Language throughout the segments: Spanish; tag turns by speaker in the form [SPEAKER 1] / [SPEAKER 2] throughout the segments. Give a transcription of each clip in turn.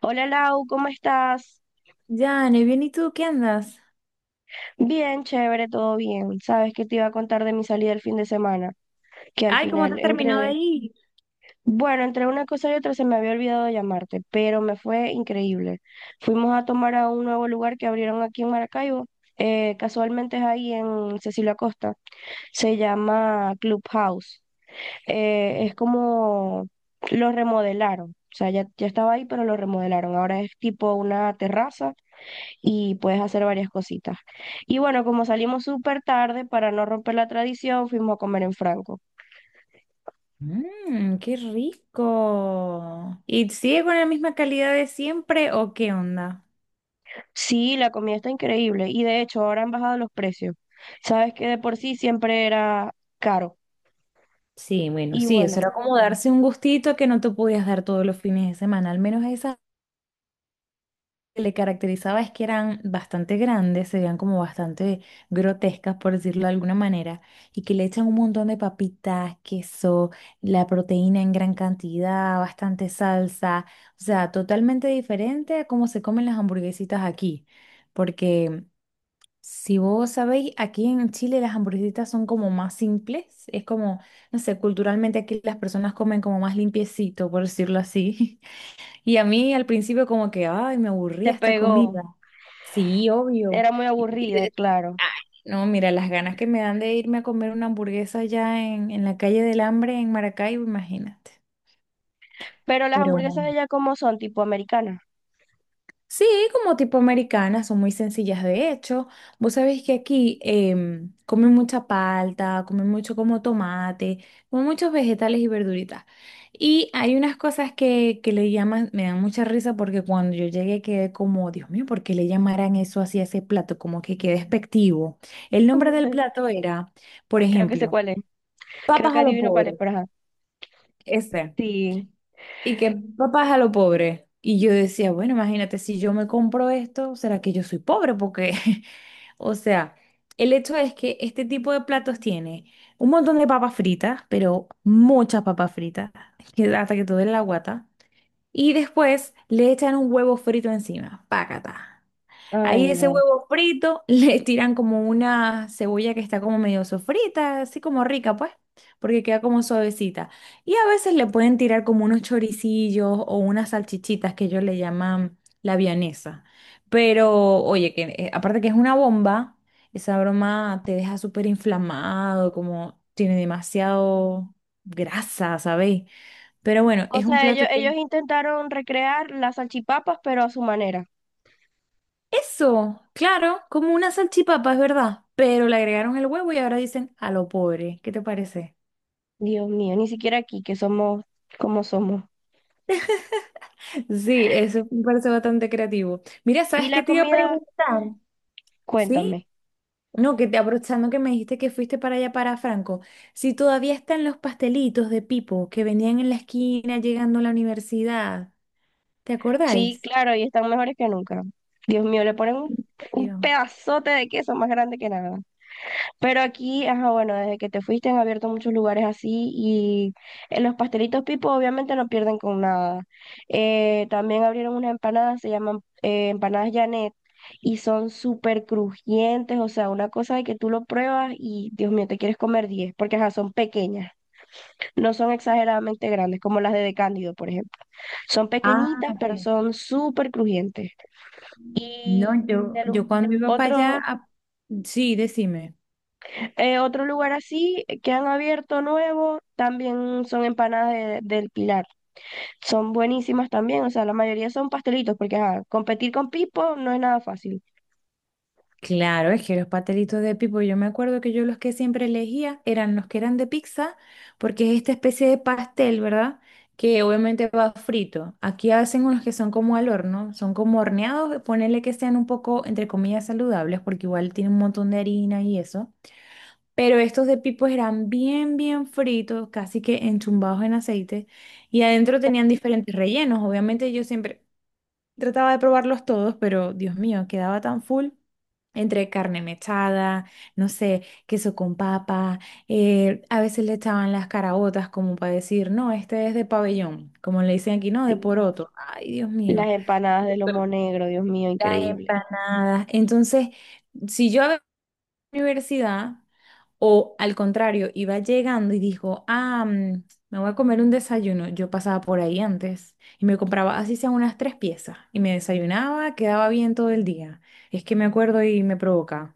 [SPEAKER 1] Hola Lau, ¿cómo estás?
[SPEAKER 2] Ya, ne, bien, ¿y tú qué andas?
[SPEAKER 1] Bien, chévere, todo bien. Sabes que te iba a contar de mi salida el fin de semana, que al
[SPEAKER 2] Ay, ¿cómo te
[SPEAKER 1] final,
[SPEAKER 2] terminó de ir?
[SPEAKER 1] bueno, entre una cosa y otra se me había olvidado de llamarte, pero me fue increíble. Fuimos a tomar a un nuevo lugar que abrieron aquí en Maracaibo, casualmente es ahí en Cecilio Acosta, se llama Clubhouse. Es como lo remodelaron, o sea, ya estaba ahí, pero lo remodelaron. Ahora es tipo una terraza y puedes hacer varias cositas. Y bueno, como salimos súper tarde, para no romper la tradición, fuimos a comer en Franco.
[SPEAKER 2] Mmm, qué rico. ¿Y sigue con la misma calidad de siempre o qué onda?
[SPEAKER 1] Sí, la comida está increíble y de hecho ahora han bajado los precios. Sabes que de por sí siempre era caro.
[SPEAKER 2] Sí, bueno,
[SPEAKER 1] Y
[SPEAKER 2] sí, eso
[SPEAKER 1] bueno,
[SPEAKER 2] era como darse un gustito que no te podías dar todos los fines de semana, al menos a esa. Que le caracterizaba es que eran bastante grandes, se veían como bastante grotescas, por decirlo de alguna manera, y que le echan un montón de papitas, queso, la proteína en gran cantidad, bastante salsa, o sea, totalmente diferente a cómo se comen las hamburguesitas aquí, porque si vos sabéis, aquí en Chile las hamburguesitas son como más simples, es como, no sé, culturalmente aquí las personas comen como más limpiecito, por decirlo así. Y a mí al principio como que, ay, me
[SPEAKER 1] te
[SPEAKER 2] aburría esta
[SPEAKER 1] pegó.
[SPEAKER 2] comida. Sí, obvio.
[SPEAKER 1] Era muy
[SPEAKER 2] Y- y
[SPEAKER 1] aburrida,
[SPEAKER 2] de-
[SPEAKER 1] claro.
[SPEAKER 2] Ay, no, mira, las ganas que me dan de irme a comer una hamburguesa allá en la calle del Hambre en Maracaibo, imagínate.
[SPEAKER 1] Pero las
[SPEAKER 2] Pero
[SPEAKER 1] hamburguesas de ella como son, tipo americanas.
[SPEAKER 2] sí, como tipo americanas, son muy sencillas de hecho. Vos sabéis que aquí comen mucha palta, comen mucho como tomate, comen muchos vegetales y verduritas. Y hay unas cosas que le llaman, me dan mucha risa porque cuando yo llegué quedé como, Dios mío, ¿por qué le llamarán eso así a ese plato? Como que qué despectivo. El nombre del plato era, por
[SPEAKER 1] Creo que sé
[SPEAKER 2] ejemplo,
[SPEAKER 1] cuál es. Creo
[SPEAKER 2] papas
[SPEAKER 1] que
[SPEAKER 2] a lo
[SPEAKER 1] adivino cuál es,
[SPEAKER 2] pobre,
[SPEAKER 1] pero ajá.
[SPEAKER 2] ese.
[SPEAKER 1] Sí.
[SPEAKER 2] Y que papá a lo pobre. Y yo decía, bueno, imagínate, si yo me compro esto, ¿será que yo soy pobre? Porque, o sea, el hecho es que este tipo de platos tiene un montón de papas fritas, pero muchas papas fritas, que hasta que todo duele la guata. Y después le echan un huevo frito encima, pácata.
[SPEAKER 1] Ay,
[SPEAKER 2] Ahí ese
[SPEAKER 1] no.
[SPEAKER 2] huevo frito le tiran como una cebolla que está como medio sofrita, así como rica, pues, porque queda como suavecita. Y a veces le pueden tirar como unos choricillos o unas salchichitas que ellos le llaman la vianesa. Pero, oye, que aparte que es una bomba, esa broma te deja súper inflamado, como tiene demasiado grasa, ¿sabéis? Pero bueno,
[SPEAKER 1] O
[SPEAKER 2] es un
[SPEAKER 1] sea, ellos,
[SPEAKER 2] plato
[SPEAKER 1] ellos
[SPEAKER 2] que.
[SPEAKER 1] intentaron recrear las salchipapas, pero a su manera.
[SPEAKER 2] Eso, claro, como una salchipapa, es verdad, pero le agregaron el huevo y ahora dicen a lo pobre. ¿Qué te parece?
[SPEAKER 1] Dios mío, ni siquiera aquí, que somos como somos.
[SPEAKER 2] Sí, eso me parece bastante creativo. Mira,
[SPEAKER 1] ¿Y
[SPEAKER 2] ¿sabes qué
[SPEAKER 1] la
[SPEAKER 2] te iba a
[SPEAKER 1] comida?
[SPEAKER 2] preguntar? ¿Sí?
[SPEAKER 1] Cuéntame.
[SPEAKER 2] No, que te aprovechando que me dijiste que fuiste para allá para Franco, si todavía están los pastelitos de Pipo que venían en la esquina llegando a la universidad, ¿te
[SPEAKER 1] Sí,
[SPEAKER 2] acordáis?
[SPEAKER 1] claro, y están mejores que nunca. Dios mío, le ponen
[SPEAKER 2] ¿En
[SPEAKER 1] un
[SPEAKER 2] serio?
[SPEAKER 1] pedazote de queso más grande que nada. Pero aquí, ajá, bueno, desde que te fuiste han abierto muchos lugares así y los pastelitos Pipo obviamente no pierden con nada. También abrieron unas empanadas, se llaman empanadas Janet. Y son súper crujientes, o sea, una cosa de que tú lo pruebas y Dios mío, te quieres comer 10, porque ajá, son pequeñas. No son exageradamente grandes, como las de por ejemplo. Son
[SPEAKER 2] Ah,
[SPEAKER 1] pequeñitas, pero
[SPEAKER 2] ok.
[SPEAKER 1] son súper crujientes. Y
[SPEAKER 2] No, yo,
[SPEAKER 1] de lu-
[SPEAKER 2] yo cuando iba para allá,
[SPEAKER 1] otro,
[SPEAKER 2] sí, decime.
[SPEAKER 1] otro lugar así que han abierto nuevo también son del Pilar. Son buenísimas también, o sea, la mayoría son pastelitos, porque ajá, competir con Pipo no es nada fácil.
[SPEAKER 2] Claro, es que los pastelitos de pipo, yo me acuerdo que yo los que siempre elegía eran los que eran de pizza, porque es esta especie de pastel, ¿verdad? Que obviamente va frito. Aquí hacen unos que son como al horno, son como horneados, ponerle que sean un poco, entre comillas, saludables, porque igual tiene un montón de harina y eso. Pero estos de pipo eran bien, bien fritos, casi que enchumbados en aceite, y adentro tenían diferentes rellenos. Obviamente yo siempre... Trataba de probarlos todos, pero Dios mío, quedaba tan full entre carne mechada, no sé, queso con papa, a veces le echaban las caraotas como para decir, no, este es de pabellón, como le dicen aquí, no, de
[SPEAKER 1] Sí.
[SPEAKER 2] poroto. Ay, Dios
[SPEAKER 1] Las
[SPEAKER 2] mío.
[SPEAKER 1] empanadas de lomo negro, Dios mío,
[SPEAKER 2] Las
[SPEAKER 1] increíble.
[SPEAKER 2] empanadas. Entonces, si yo a universidad o al contrario, iba llegando y dijo, ah, me voy a comer un desayuno. Yo pasaba por ahí antes y me compraba así sea unas tres piezas y me desayunaba, quedaba bien todo el día. Es que me acuerdo y me provoca.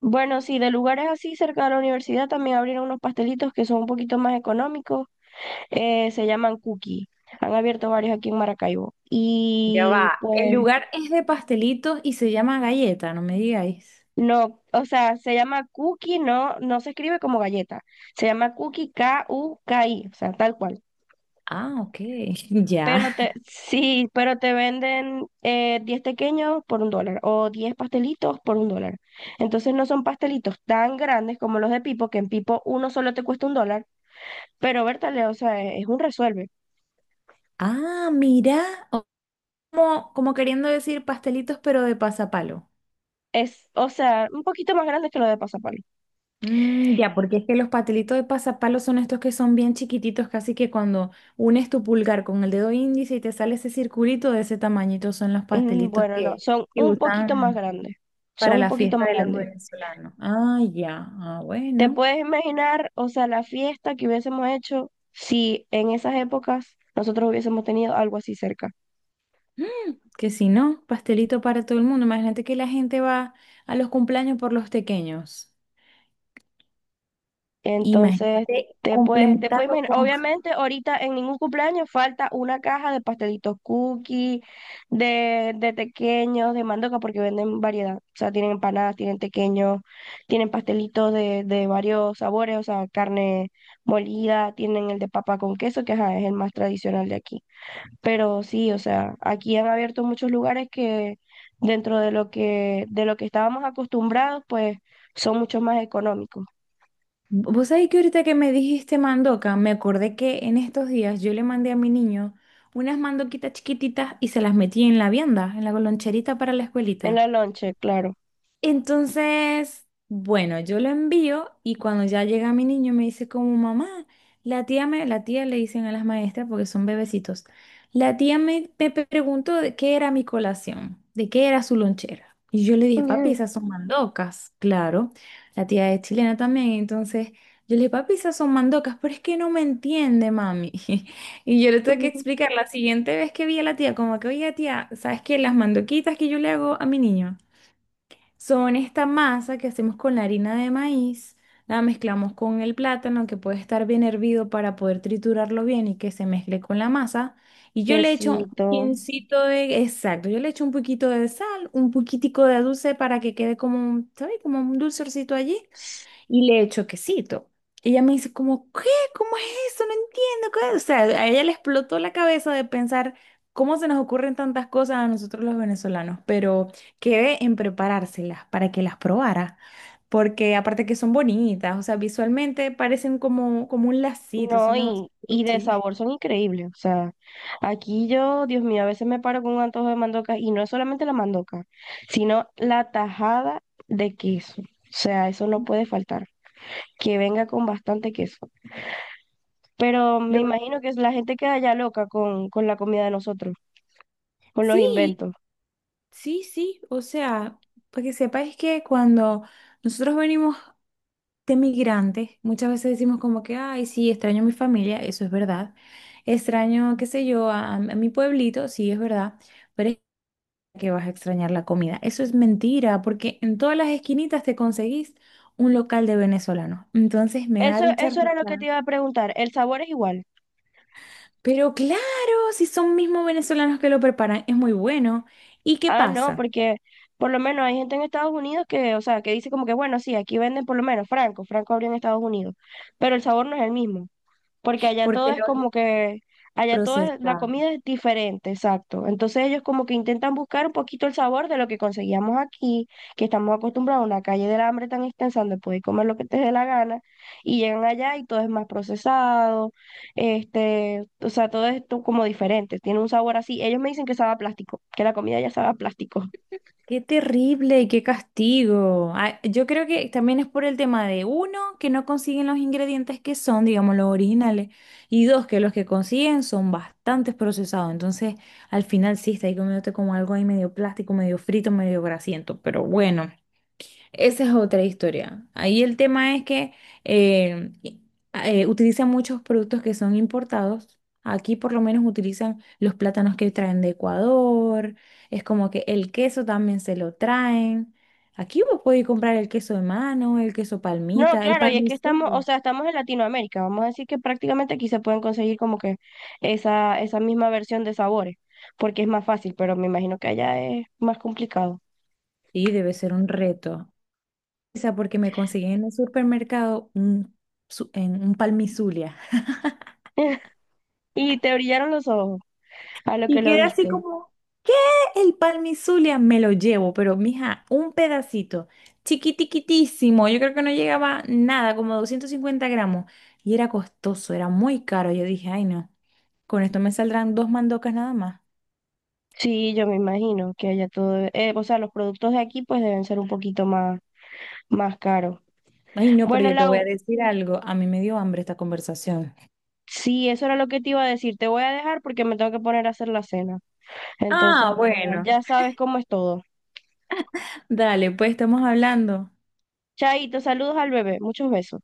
[SPEAKER 1] Bueno, sí, de lugares así cerca de la universidad también abrieron unos pastelitos que son un poquito más económicos, se llaman Cookie. Han abierto varios aquí en Maracaibo.
[SPEAKER 2] Ya
[SPEAKER 1] Y
[SPEAKER 2] va. El
[SPEAKER 1] pues
[SPEAKER 2] lugar es de pastelitos y se llama Galleta, no me digáis.
[SPEAKER 1] no, o sea, se llama Cookie, no se escribe como galleta. Se llama Cookie K-U-K-I, o sea, tal cual.
[SPEAKER 2] Ah, ok, ya.
[SPEAKER 1] Sí, pero te venden 10 pequeños por $1 o 10 pastelitos por $1. Entonces no son pastelitos tan grandes como los de Pipo, que en Pipo uno solo te cuesta $1, pero Bertale, o sea, es un resuelve.
[SPEAKER 2] Ah, mira, o- como queriendo decir pastelitos pero de pasapalo.
[SPEAKER 1] Es, o sea, un poquito más grande que lo de Pasapalo.
[SPEAKER 2] Mm, ya, porque es que los patelitos de pasapalos son estos que son bien chiquititos, casi que cuando unes tu pulgar con el dedo índice y te sale ese circulito de ese tamañito, son los
[SPEAKER 1] Mm,
[SPEAKER 2] pastelitos
[SPEAKER 1] bueno, no,
[SPEAKER 2] que,
[SPEAKER 1] son
[SPEAKER 2] que
[SPEAKER 1] un poquito más
[SPEAKER 2] usan
[SPEAKER 1] grandes.
[SPEAKER 2] para
[SPEAKER 1] Son un
[SPEAKER 2] la
[SPEAKER 1] poquito
[SPEAKER 2] fiesta
[SPEAKER 1] más
[SPEAKER 2] de los
[SPEAKER 1] grandes.
[SPEAKER 2] venezolanos. Ah, ya, ah,
[SPEAKER 1] ¿Te
[SPEAKER 2] bueno.
[SPEAKER 1] puedes imaginar, o sea, la fiesta que hubiésemos hecho si en esas épocas nosotros hubiésemos tenido algo así cerca?
[SPEAKER 2] Mm, que si no, pastelito para todo el mundo. Imagínate que la gente va a los cumpleaños por los pequeños.
[SPEAKER 1] Entonces,
[SPEAKER 2] Imagínate
[SPEAKER 1] te puedes
[SPEAKER 2] complementarlo
[SPEAKER 1] imaginar.
[SPEAKER 2] con.
[SPEAKER 1] Obviamente, ahorita en ningún cumpleaños falta una caja de pastelitos cookie, de tequeños, de mandoca, porque venden variedad. O sea, tienen empanadas, tienen tequeños, tienen pastelitos de varios sabores, o sea, carne molida, tienen el de papa con queso, que ajá, es el más tradicional de aquí. Pero sí, o sea, aquí han abierto muchos lugares que dentro de lo que estábamos acostumbrados, pues son mucho más económicos.
[SPEAKER 2] Vos sabés que ahorita que me dijiste mandoca, me acordé que en estos días yo le mandé a mi niño unas mandoquitas chiquititas y se las metí en la vianda, en la loncherita para la
[SPEAKER 1] En
[SPEAKER 2] escuelita.
[SPEAKER 1] la lonche, claro.
[SPEAKER 2] Entonces, bueno, yo lo envío y cuando ya llega mi niño me dice como mamá, la tía le dicen a las maestras porque son bebecitos, la tía me preguntó de qué era mi colación, de qué era su lonchera. Y yo le dije, papi, esas son mandocas, claro. La tía es chilena también, entonces yo le dije, papi, esas son mandocas, pero es que no me entiende, mami. Y yo le tuve que explicar la siguiente vez que vi a la tía, como que, oye, tía, ¿sabes qué? Las mandoquitas que yo le hago a mi niño. Son esta masa que hacemos con la harina de maíz, la mezclamos con el plátano que puede estar bien hervido para poder triturarlo bien y que se mezcle con la masa. Y yo le echo un
[SPEAKER 1] Quesito.
[SPEAKER 2] pincito de, exacto, yo le echo un poquito de sal, un poquitico de dulce para que quede como un, ¿sabes? Como un dulcercito allí. Y le echo quesito. Ella me dice como, ¿qué? ¿Cómo es eso? No entiendo. ¿Qué? O sea, a ella le explotó la cabeza de pensar cómo se nos ocurren tantas cosas a nosotros los venezolanos, pero quedé en preparárselas para que las probara, porque aparte que son bonitas, o sea, visualmente parecen como, como un lacito,
[SPEAKER 1] No,
[SPEAKER 2] son demasiado...
[SPEAKER 1] y de
[SPEAKER 2] Sí.
[SPEAKER 1] sabor son increíbles. O sea, aquí yo, Dios mío, a veces me paro con un antojo de mandoca y no es solamente la mandoca, sino la tajada de queso. O sea, eso no puede faltar, que venga con bastante queso. Pero me
[SPEAKER 2] Lo-
[SPEAKER 1] imagino que la gente queda ya loca con la comida de nosotros, con los
[SPEAKER 2] sí,
[SPEAKER 1] inventos.
[SPEAKER 2] sí, sí, o sea, para que sepáis que cuando nosotros venimos de migrantes, muchas veces decimos como que, ay, sí, extraño a mi familia, eso es verdad. Extraño, qué sé yo, a mi pueblito, sí, es verdad, pero es que vas a extrañar la comida. Eso es mentira, porque en todas las esquinitas te conseguís un local de venezolanos. Entonces me da
[SPEAKER 1] Eso,
[SPEAKER 2] mucha
[SPEAKER 1] eso era lo que te
[SPEAKER 2] risa.
[SPEAKER 1] iba a preguntar. ¿El sabor es igual?
[SPEAKER 2] Pero claro, si son mismos venezolanos que lo preparan, es muy bueno. ¿Y qué
[SPEAKER 1] Ah, no,
[SPEAKER 2] pasa?
[SPEAKER 1] porque por lo menos hay gente en Estados Unidos que, o sea, que dice como que, bueno, sí, aquí venden por lo menos Franco, Franco abrió en Estados Unidos, pero el sabor no es el mismo porque allá todo
[SPEAKER 2] Porque
[SPEAKER 1] es
[SPEAKER 2] lo
[SPEAKER 1] como que, la
[SPEAKER 2] procesan.
[SPEAKER 1] comida es diferente, exacto. Entonces ellos como que intentan buscar un poquito el sabor de lo que conseguíamos aquí, que estamos acostumbrados a una calle del hambre tan extensa donde puedes comer lo que te dé la gana, y llegan allá y todo es más procesado, este, o sea, todo esto como diferente, tiene un sabor así. Ellos me dicen que sabe a plástico, que la comida ya sabe a plástico.
[SPEAKER 2] Qué terrible y qué castigo. Ah, yo creo que también es por el tema de uno, que no consiguen los ingredientes que son, digamos, los originales, y dos, que los que consiguen son bastante procesados. Entonces, al final sí, está ahí comiéndote como algo ahí medio plástico, medio frito, medio grasiento, pero bueno. Esa es otra historia. Ahí el tema es que eh, i- utilizan muchos productos que son importados. Aquí por lo menos utilizan los plátanos que traen de Ecuador. Es como que el queso también se lo traen. Aquí vos podés comprar el queso de mano, el queso
[SPEAKER 1] No,
[SPEAKER 2] palmita, el
[SPEAKER 1] claro, y es que estamos, o
[SPEAKER 2] palmicillo.
[SPEAKER 1] sea, estamos en Latinoamérica, vamos a decir que prácticamente aquí se pueden conseguir como que esa misma versión de sabores, porque es más fácil, pero me imagino que allá es más complicado.
[SPEAKER 2] Sí, debe ser un reto. O sea, porque me conseguí en el supermercado en un palmizulia.
[SPEAKER 1] Y te brillaron los ojos a lo
[SPEAKER 2] Y
[SPEAKER 1] que lo
[SPEAKER 2] quedé así
[SPEAKER 1] viste.
[SPEAKER 2] como, ¿qué? El Palmizulia me lo llevo, pero mija, un pedacito, chiquitiquitísimo, yo creo que no llegaba nada, como 250 gramos, y era costoso, era muy caro. Yo dije, ay no, con esto me saldrán dos mandocas nada más.
[SPEAKER 1] Sí, yo me imagino que allá todo, o sea, los productos de aquí pues deben ser un poquito más, más caros.
[SPEAKER 2] Ay no, pero
[SPEAKER 1] Bueno,
[SPEAKER 2] yo te voy a
[SPEAKER 1] Lau,
[SPEAKER 2] decir algo, a mí me dio hambre esta conversación.
[SPEAKER 1] sí, eso era lo que te iba a decir, te voy a dejar porque me tengo que poner a hacer la cena. Entonces,
[SPEAKER 2] Ah,
[SPEAKER 1] bueno,
[SPEAKER 2] bueno,
[SPEAKER 1] ya sabes cómo es todo.
[SPEAKER 2] dale, pues estamos hablando.
[SPEAKER 1] Chaito, saludos al bebé, muchos besos.